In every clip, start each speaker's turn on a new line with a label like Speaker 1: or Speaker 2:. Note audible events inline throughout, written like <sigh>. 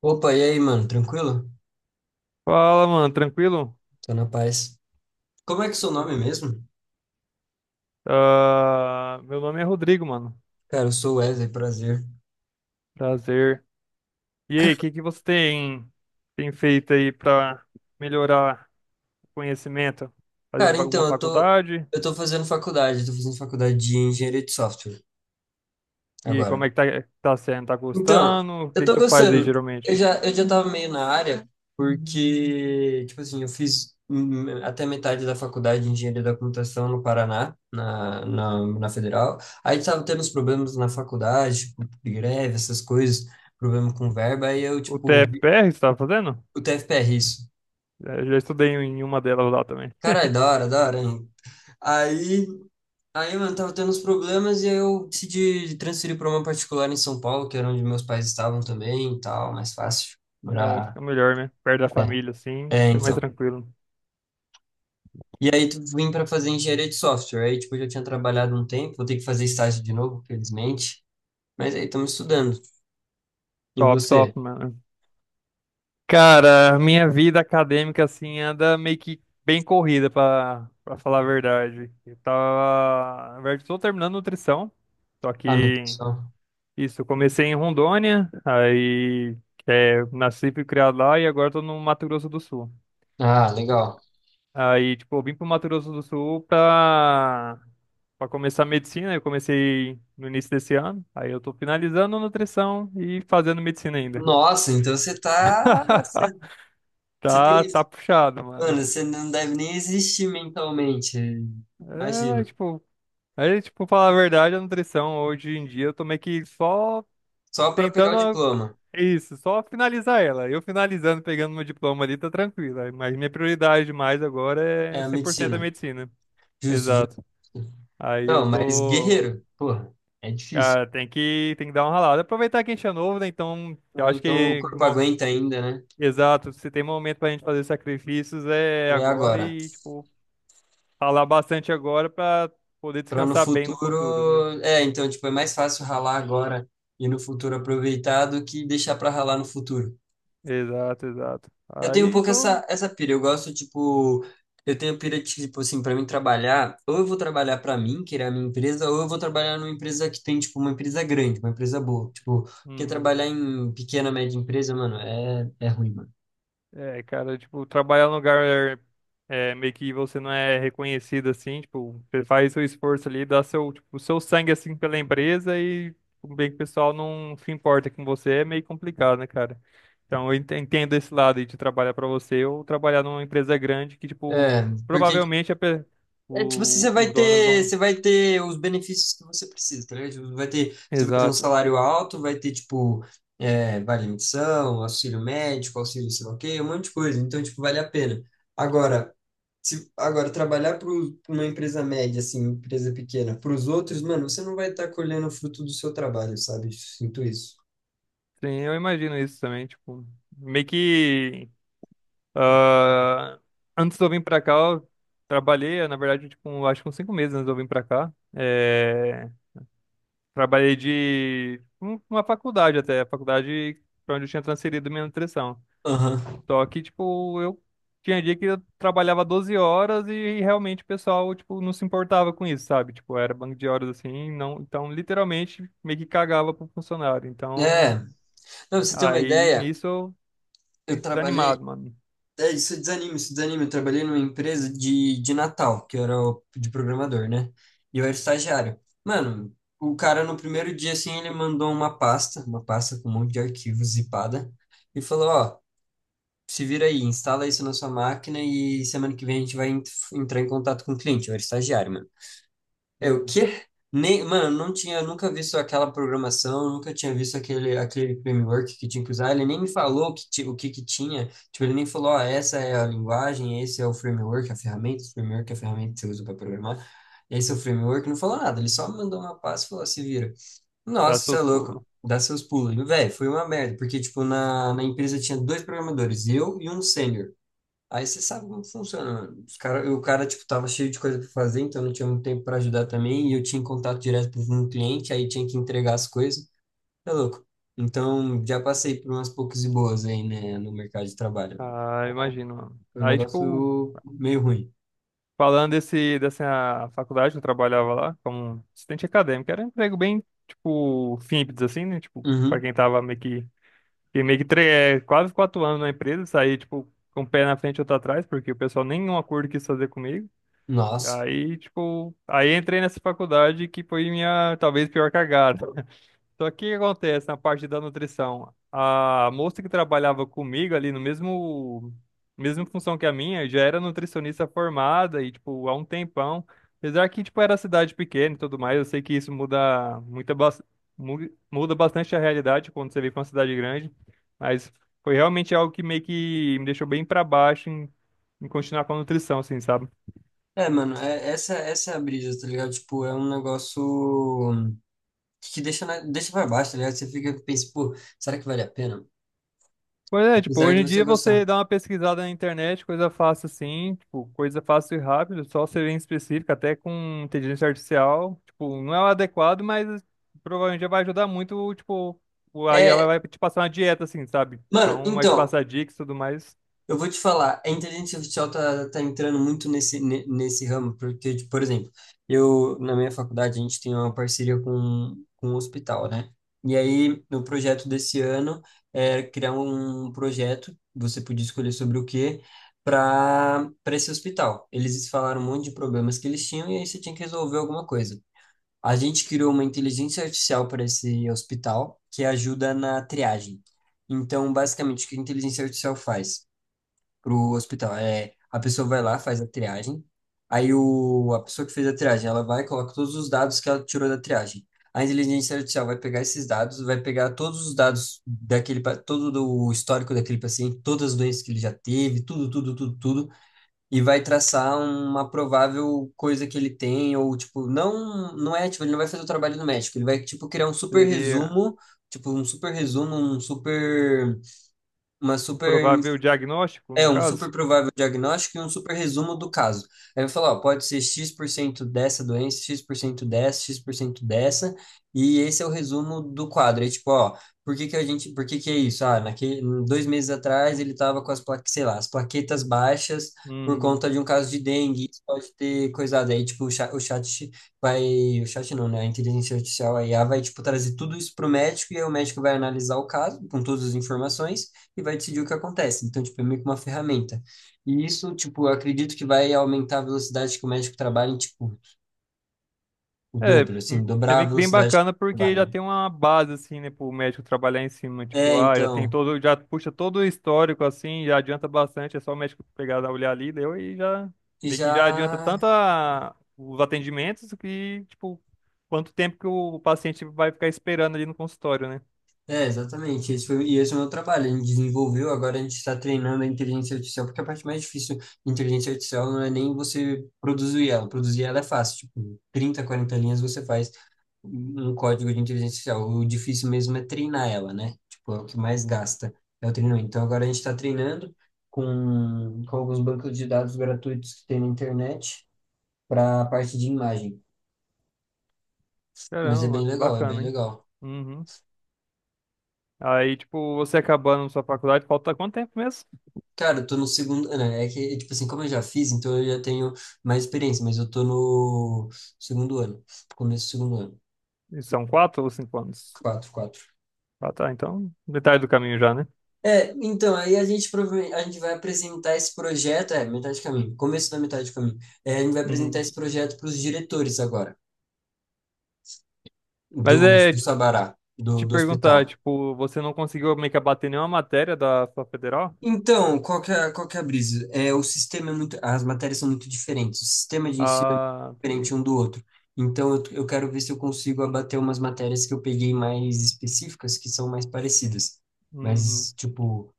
Speaker 1: Opa, e aí, mano? Tranquilo?
Speaker 2: Fala, mano, tranquilo?
Speaker 1: Tô na paz. Como é que é o seu nome mesmo?
Speaker 2: Ah, meu nome é Rodrigo, mano.
Speaker 1: Cara, eu sou Wesley, prazer.
Speaker 2: Prazer. E aí, o que que você tem feito aí pra melhorar o conhecimento?
Speaker 1: Cara,
Speaker 2: Fazendo alguma
Speaker 1: então,
Speaker 2: faculdade?
Speaker 1: eu tô fazendo faculdade de engenharia de software
Speaker 2: E como
Speaker 1: agora.
Speaker 2: é que tá sendo? Tá
Speaker 1: Então,
Speaker 2: gostando? O
Speaker 1: eu
Speaker 2: que que
Speaker 1: tô
Speaker 2: tu faz aí
Speaker 1: gostando. Eu
Speaker 2: geralmente?
Speaker 1: já, eu já tava meio na área, porque, tipo assim, eu fiz até metade da faculdade de engenharia da computação no Paraná, na Federal. Aí tava tendo uns problemas na faculdade, tipo, greve, essas coisas, problema com verba, aí eu,
Speaker 2: O
Speaker 1: tipo,
Speaker 2: TFPR você tá fazendo?
Speaker 1: o TFPR, isso.
Speaker 2: É, já estudei em uma delas lá também.
Speaker 1: Caralho,
Speaker 2: <laughs>
Speaker 1: da hora, hein? Aí, aí, mano, tava tendo uns problemas e aí eu decidi transferir pra uma particular em São Paulo, que era onde meus pais estavam também e tal, mais fácil.
Speaker 2: É,
Speaker 1: Morar.
Speaker 2: fica melhor, né? Perto da
Speaker 1: É,
Speaker 2: família, assim,
Speaker 1: é,
Speaker 2: é mais
Speaker 1: então.
Speaker 2: tranquilo.
Speaker 1: E aí tu vim pra fazer engenharia de software. Aí, tipo, eu já tinha trabalhado um tempo, vou ter que fazer estágio de novo, felizmente. Mas aí estamos estudando. E
Speaker 2: Top,
Speaker 1: você?
Speaker 2: top, mano. Cara, minha vida acadêmica assim anda meio que bem corrida pra para falar a verdade. Eu tava, na verdade, tô terminando nutrição, só
Speaker 1: Ah,
Speaker 2: que
Speaker 1: nutrição.
Speaker 2: isso, eu comecei em Rondônia, aí é, nasci e fui criado lá e agora tô no Mato Grosso do Sul.
Speaker 1: Ah, legal.
Speaker 2: Aí, tipo, eu vim pro Mato Grosso do Sul pra para começar medicina, eu comecei no início desse ano. Aí eu tô finalizando nutrição e fazendo medicina ainda.
Speaker 1: Nossa, então você tá. Você
Speaker 2: <laughs>
Speaker 1: você
Speaker 2: Tá,
Speaker 1: tem.
Speaker 2: tá puxado, mano.
Speaker 1: Mano, você não deve nem existir mentalmente.
Speaker 2: É, mas,
Speaker 1: Imagina.
Speaker 2: tipo, aí, tipo, falar a verdade, a nutrição hoje em dia eu tô meio que só
Speaker 1: Só para pegar o
Speaker 2: tentando a-
Speaker 1: diploma.
Speaker 2: isso, só finalizar ela. Eu finalizando, pegando meu diploma ali, tá tranquilo. Aí, mas minha prioridade mais agora é
Speaker 1: É,
Speaker 2: 100% a
Speaker 1: medicina.
Speaker 2: medicina.
Speaker 1: Justo, justo.
Speaker 2: Exato. Aí eu
Speaker 1: Não, mas
Speaker 2: tô.
Speaker 1: guerreiro, porra, é difícil.
Speaker 2: Cara, tem que dar uma ralada. Aproveitar que a gente é novo, né? Então, eu acho
Speaker 1: Então o
Speaker 2: que.
Speaker 1: corpo
Speaker 2: Mo-
Speaker 1: aguenta ainda, né?
Speaker 2: exato, se tem momento pra gente fazer sacrifícios é
Speaker 1: É
Speaker 2: agora
Speaker 1: agora.
Speaker 2: e, tipo, ralar bastante agora pra poder
Speaker 1: Para no
Speaker 2: descansar bem no
Speaker 1: futuro,
Speaker 2: futuro, né?
Speaker 1: é, então tipo é mais fácil ralar agora e no futuro aproveitar do que deixar para ralar no futuro.
Speaker 2: Exato, exato.
Speaker 1: Eu tenho um
Speaker 2: Aí
Speaker 1: pouco
Speaker 2: tô.
Speaker 1: essa pira. Eu gosto, tipo, eu tenho pira, tipo, assim, pra mim trabalhar, ou eu vou trabalhar pra mim, que é a minha empresa, ou eu vou trabalhar numa empresa que tem, tipo, uma empresa grande, uma empresa boa. Tipo, porque
Speaker 2: Uhum.
Speaker 1: trabalhar em pequena, média empresa, mano, é ruim, mano.
Speaker 2: É, cara, tipo, trabalhar num lugar é, meio que você não é reconhecido assim, tipo, você faz seu esforço ali, dá seu, tipo, seu sangue assim pela empresa e tipo, bem que o pessoal não se importa com você, é meio complicado, né, cara? Então entendo esse lado aí de trabalhar pra você ou trabalhar numa empresa grande que, tipo,
Speaker 1: É, porque,
Speaker 2: provavelmente a pe-
Speaker 1: é, tipo, assim, você
Speaker 2: o,
Speaker 1: vai
Speaker 2: os donos
Speaker 1: ter,
Speaker 2: vão.
Speaker 1: você vai ter os benefícios que você precisa, tá ligado? Tipo, vai ter, você vai ter um
Speaker 2: Exato.
Speaker 1: salário alto, vai ter, tipo, é, vale menção, auxílio médico, auxílio sei lá o quê, um monte de coisa. Então, tipo, vale a pena. Agora, Se, agora, trabalhar para uma empresa média, assim, empresa pequena, para os outros, mano, você não vai estar colhendo o fruto do seu trabalho, sabe? Sinto isso.
Speaker 2: Sim, eu imagino isso também, tipo, meio que. Ah, antes de eu vir pra cá, eu trabalhei, na verdade, tipo, acho que uns 5 meses antes de eu vir pra cá. É, trabalhei uma faculdade até, a faculdade pra onde eu tinha transferido minha nutrição.
Speaker 1: Aham.
Speaker 2: Só que, tipo, eu tinha dia que eu trabalhava 12 horas e realmente o pessoal, tipo, não se importava com isso, sabe? Tipo, era banco de horas assim, não, então literalmente meio que cagava pro funcionário.
Speaker 1: É,
Speaker 2: Então,
Speaker 1: não, pra você ter uma
Speaker 2: aí
Speaker 1: ideia,
Speaker 2: nisso eu
Speaker 1: eu
Speaker 2: fiquei
Speaker 1: trabalhei.
Speaker 2: desanimado, mano.
Speaker 1: É, isso desanima, isso desanima. Eu trabalhei numa empresa de, Natal, que eu era de programador, né? E eu era estagiário. Mano, o cara no primeiro dia, assim, ele mandou uma pasta com um monte de arquivos zipada, e falou: Ó, se vira aí, instala isso na sua máquina e semana que vem a gente vai entrar em contato com o cliente, eu era estagiário, mano. É o
Speaker 2: Uhum.
Speaker 1: quê? Nem, mano, não tinha, nunca visto aquela programação, nunca tinha visto aquele framework que tinha que usar, ele nem me falou que, o que que tinha, tipo, ele nem falou, ó, essa é a linguagem, esse é o framework, a ferramenta, o framework é a ferramenta que você usa para programar, esse é o framework, não falou nada, ele só mandou uma pasta e falou, se vira.
Speaker 2: Dá
Speaker 1: Nossa, você é
Speaker 2: seus
Speaker 1: louco
Speaker 2: pulos.
Speaker 1: dá seus pulos. Velho, foi uma merda, porque, tipo, na empresa tinha dois programadores, eu e um sênior. Aí você sabe como funciona. O cara, tipo, tava cheio de coisa pra fazer, então não tinha muito tempo pra ajudar também. E eu tinha contato direto com o cliente, aí tinha que entregar as coisas. É louco. Então, já passei por umas poucas e boas aí, né, no mercado de trabalho.
Speaker 2: Ah, imagino.
Speaker 1: Foi um
Speaker 2: Aí, tipo,
Speaker 1: negócio meio ruim.
Speaker 2: falando dessa faculdade que eu trabalhava lá, como assistente acadêmico, era um emprego bem, tipo, simples, assim, né? Tipo, pra
Speaker 1: Uhum.
Speaker 2: quem tava meio que, que meio que tre- é, quase 4 anos na empresa, saí, tipo, com o pé na frente e outro atrás, porque o pessoal nenhum acordo quis fazer comigo. E
Speaker 1: Nossa.
Speaker 2: aí, tipo, aí entrei nessa faculdade que foi minha, talvez, pior cagada. Só que o que acontece na parte da nutrição? A moça que trabalhava comigo ali no mesmo, mesma função que a minha, já era nutricionista formada e, tipo, há um tempão. Apesar que, tipo, era cidade pequena e tudo mais, eu sei que isso mu- muda bastante a realidade quando você vem pra uma cidade grande. Mas foi realmente algo que meio que me deixou bem pra baixo em continuar com a nutrição, assim, sabe?
Speaker 1: É, mano, essa é a brisa, tá ligado? Tipo, é um negócio que deixa pra baixo, tá ligado? Você fica, pensa, pô, será que vale a pena?
Speaker 2: Pois é, tipo,
Speaker 1: Apesar de
Speaker 2: hoje em
Speaker 1: você
Speaker 2: dia
Speaker 1: gostar.
Speaker 2: você dá uma pesquisada na internet, coisa fácil assim, tipo, coisa fácil e rápido, só ser bem específica, até com inteligência artificial, tipo, não é o adequado, mas provavelmente já vai ajudar muito, tipo, o a IA vai
Speaker 1: É,
Speaker 2: vai te passar uma dieta assim, sabe?
Speaker 1: mano,
Speaker 2: Então vai te
Speaker 1: então.
Speaker 2: passar dicas e tudo mais,
Speaker 1: Eu vou te falar, a inteligência artificial tá entrando muito nesse ramo, porque, tipo, por exemplo, eu, na minha faculdade, a gente tem uma parceria com um hospital, né? E aí, no projeto desse ano, é criar um projeto, você podia escolher sobre o quê, para esse hospital. Eles falaram um monte de problemas que eles tinham e aí você tinha que resolver alguma coisa. A gente criou uma inteligência artificial para esse hospital que ajuda na triagem. Então, basicamente, o que a inteligência artificial faz? Pro hospital. É, a pessoa vai lá, faz a triagem. Aí a pessoa que fez a triagem, ela vai e coloca todos os dados que ela tirou da triagem. A inteligência artificial vai pegar esses dados, vai pegar todos os dados todo do histórico daquele paciente, todas as doenças que ele já teve, tudo, tudo, tudo, tudo, e vai traçar uma provável coisa que ele tem, ou tipo, não, não é, tipo, ele não vai fazer o trabalho do médico, ele vai, tipo, criar um super
Speaker 2: seria
Speaker 1: resumo, tipo, um super resumo, um super uma
Speaker 2: um
Speaker 1: super
Speaker 2: provável diagnóstico,
Speaker 1: é
Speaker 2: no
Speaker 1: um super
Speaker 2: caso.
Speaker 1: provável diagnóstico e um super resumo do caso. Aí eu falo, ó, pode ser X% dessa doença, X% dessa, e esse é o resumo do quadro. Aí, tipo, ó, por que que é isso? Ah, 2 meses atrás ele tava com as plaquetas, sei lá, as plaquetas baixas por
Speaker 2: Uhum.
Speaker 1: conta de um caso de dengue, isso pode ter coisado. Aí, tipo, o chat vai, o chat não, né? A inteligência artificial, a IA, vai, tipo, trazer tudo isso pro médico e aí o médico vai analisar o caso com todas as informações e vai decidir o que acontece. Então, tipo, é meio que uma ferramenta. E isso, tipo, eu acredito que vai aumentar a velocidade que o médico trabalha em, tipo, o
Speaker 2: É,
Speaker 1: dobro, assim,
Speaker 2: é
Speaker 1: dobrar a
Speaker 2: meio que bem
Speaker 1: velocidade que
Speaker 2: bacana
Speaker 1: ele
Speaker 2: porque já
Speaker 1: trabalha.
Speaker 2: tem uma base, assim, né, pro médico trabalhar em cima.
Speaker 1: É,
Speaker 2: Tipo, ah, já tem
Speaker 1: então,
Speaker 2: todo, já puxa todo o histórico, assim, já adianta bastante. É só o médico pegar, dar olhar ali, deu e já,
Speaker 1: e
Speaker 2: meio que já adianta
Speaker 1: já.
Speaker 2: tanto os atendimentos que, tipo, quanto tempo que o paciente vai ficar esperando ali no consultório, né?
Speaker 1: É, exatamente. Esse foi, e esse é o meu trabalho. A gente desenvolveu, agora a gente está treinando a inteligência artificial, porque a parte mais difícil da inteligência artificial não é nem você produzir ela. Produzir ela é fácil, tipo, 30, 40 linhas você faz um código de inteligência artificial. O difícil mesmo é treinar ela, né? Tipo, é o que mais gasta, é o treinamento. Então agora a gente está treinando com alguns bancos de dados gratuitos que tem na internet para a parte de imagem. Mas
Speaker 2: Caramba,
Speaker 1: é bem
Speaker 2: mano,
Speaker 1: legal, é bem
Speaker 2: bacana, hein?
Speaker 1: legal.
Speaker 2: Uhum. Aí, tipo, você acabando sua faculdade, falta quanto tempo mesmo?
Speaker 1: Cara, eu tô no segundo, né? É que, tipo assim, como eu já fiz, então eu já tenho mais experiência, mas eu tô no segundo ano, começo do segundo ano.
Speaker 2: São 4 ou 5 anos?
Speaker 1: Quatro, quatro.
Speaker 2: Ah, tá, então, metade do caminho já, né?
Speaker 1: É, então, aí a gente provavelmente a gente vai apresentar esse projeto, é, metade de caminho, começo da metade de caminho. É, a gente vai apresentar
Speaker 2: Uhum.
Speaker 1: esse projeto para os diretores agora,
Speaker 2: Mas
Speaker 1: do,
Speaker 2: é.
Speaker 1: do Sabará, do,
Speaker 2: Te
Speaker 1: do
Speaker 2: perguntar,
Speaker 1: hospital.
Speaker 2: tipo, você não conseguiu meio que abater nenhuma matéria da sua federal?
Speaker 1: Então, qual que é a brisa? É, o sistema é muito, as matérias são muito diferentes, o sistema de ensino é muito
Speaker 2: Ah, peguei.
Speaker 1: diferente um do outro. Então, eu quero ver se eu consigo abater umas matérias que eu peguei mais específicas, que são mais parecidas. Mas,
Speaker 2: Uhum.
Speaker 1: tipo,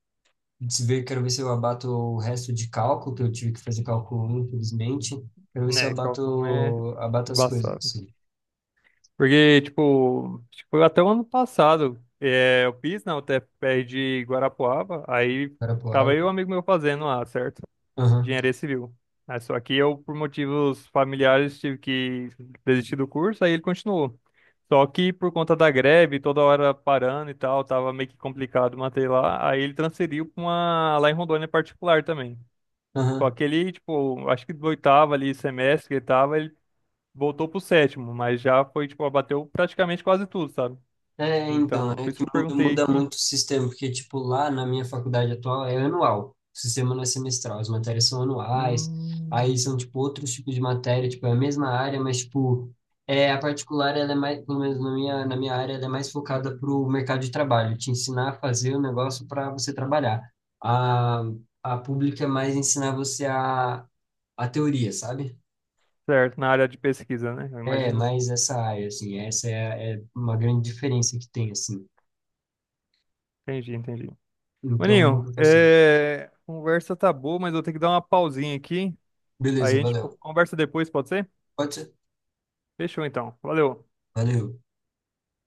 Speaker 1: se ver, quero ver se eu abato o resto de cálculo, que eu tive que fazer cálculo 1, infelizmente. Quero ver se eu
Speaker 2: É, cálculo um é
Speaker 1: abato as coisas,
Speaker 2: embaçado.
Speaker 1: sim.
Speaker 2: Porque, tipo, acho que foi até o ano passado, é, eu fiz na UTFPR de Guarapuava, aí
Speaker 1: Era a
Speaker 2: tava
Speaker 1: palavra.
Speaker 2: eu e um amigo meu fazendo lá, certo?
Speaker 1: Aham,
Speaker 2: Engenharia civil. Né? Só que eu, por motivos familiares, tive que desistir do curso, aí ele continuou. Só que por conta da greve, toda hora parando e tal, tava meio que complicado manter lá, aí ele transferiu para uma lá em Rondônia particular também. Só
Speaker 1: aham.
Speaker 2: que ele, tipo, acho que do oitavo ali, semestre que ele tava, ele voltou pro sétimo, mas já foi, tipo, abateu praticamente quase tudo, sabe?
Speaker 1: É, então,
Speaker 2: Então, por
Speaker 1: é
Speaker 2: isso
Speaker 1: que
Speaker 2: que eu
Speaker 1: muda,
Speaker 2: perguntei
Speaker 1: muda
Speaker 2: que,
Speaker 1: muito o sistema, porque, tipo, lá na minha faculdade atual é anual, o sistema não é semestral, as matérias são anuais, aí
Speaker 2: hum,
Speaker 1: são, tipo, outros tipos de matéria, tipo, é a mesma área, mas, tipo, a particular, ela é mais, pelo menos na minha área, ela é mais focada pro mercado de trabalho, te ensinar a fazer o negócio para você trabalhar. A, a pública é mais ensinar você a, teoria, sabe?
Speaker 2: certo, na área de pesquisa, né? Eu
Speaker 1: É,
Speaker 2: imagino.
Speaker 1: mais essa área, assim, é uma grande diferença que tem, assim,
Speaker 2: Entendi, entendi.
Speaker 1: então
Speaker 2: Maninho,
Speaker 1: muda bastante.
Speaker 2: é, conversa tá boa, mas eu vou ter que dar uma pausinha aqui. Aí a
Speaker 1: Beleza,
Speaker 2: gente
Speaker 1: valeu.
Speaker 2: conversa depois, pode ser?
Speaker 1: Pode ser?
Speaker 2: Fechou então. Valeu.
Speaker 1: Valeu.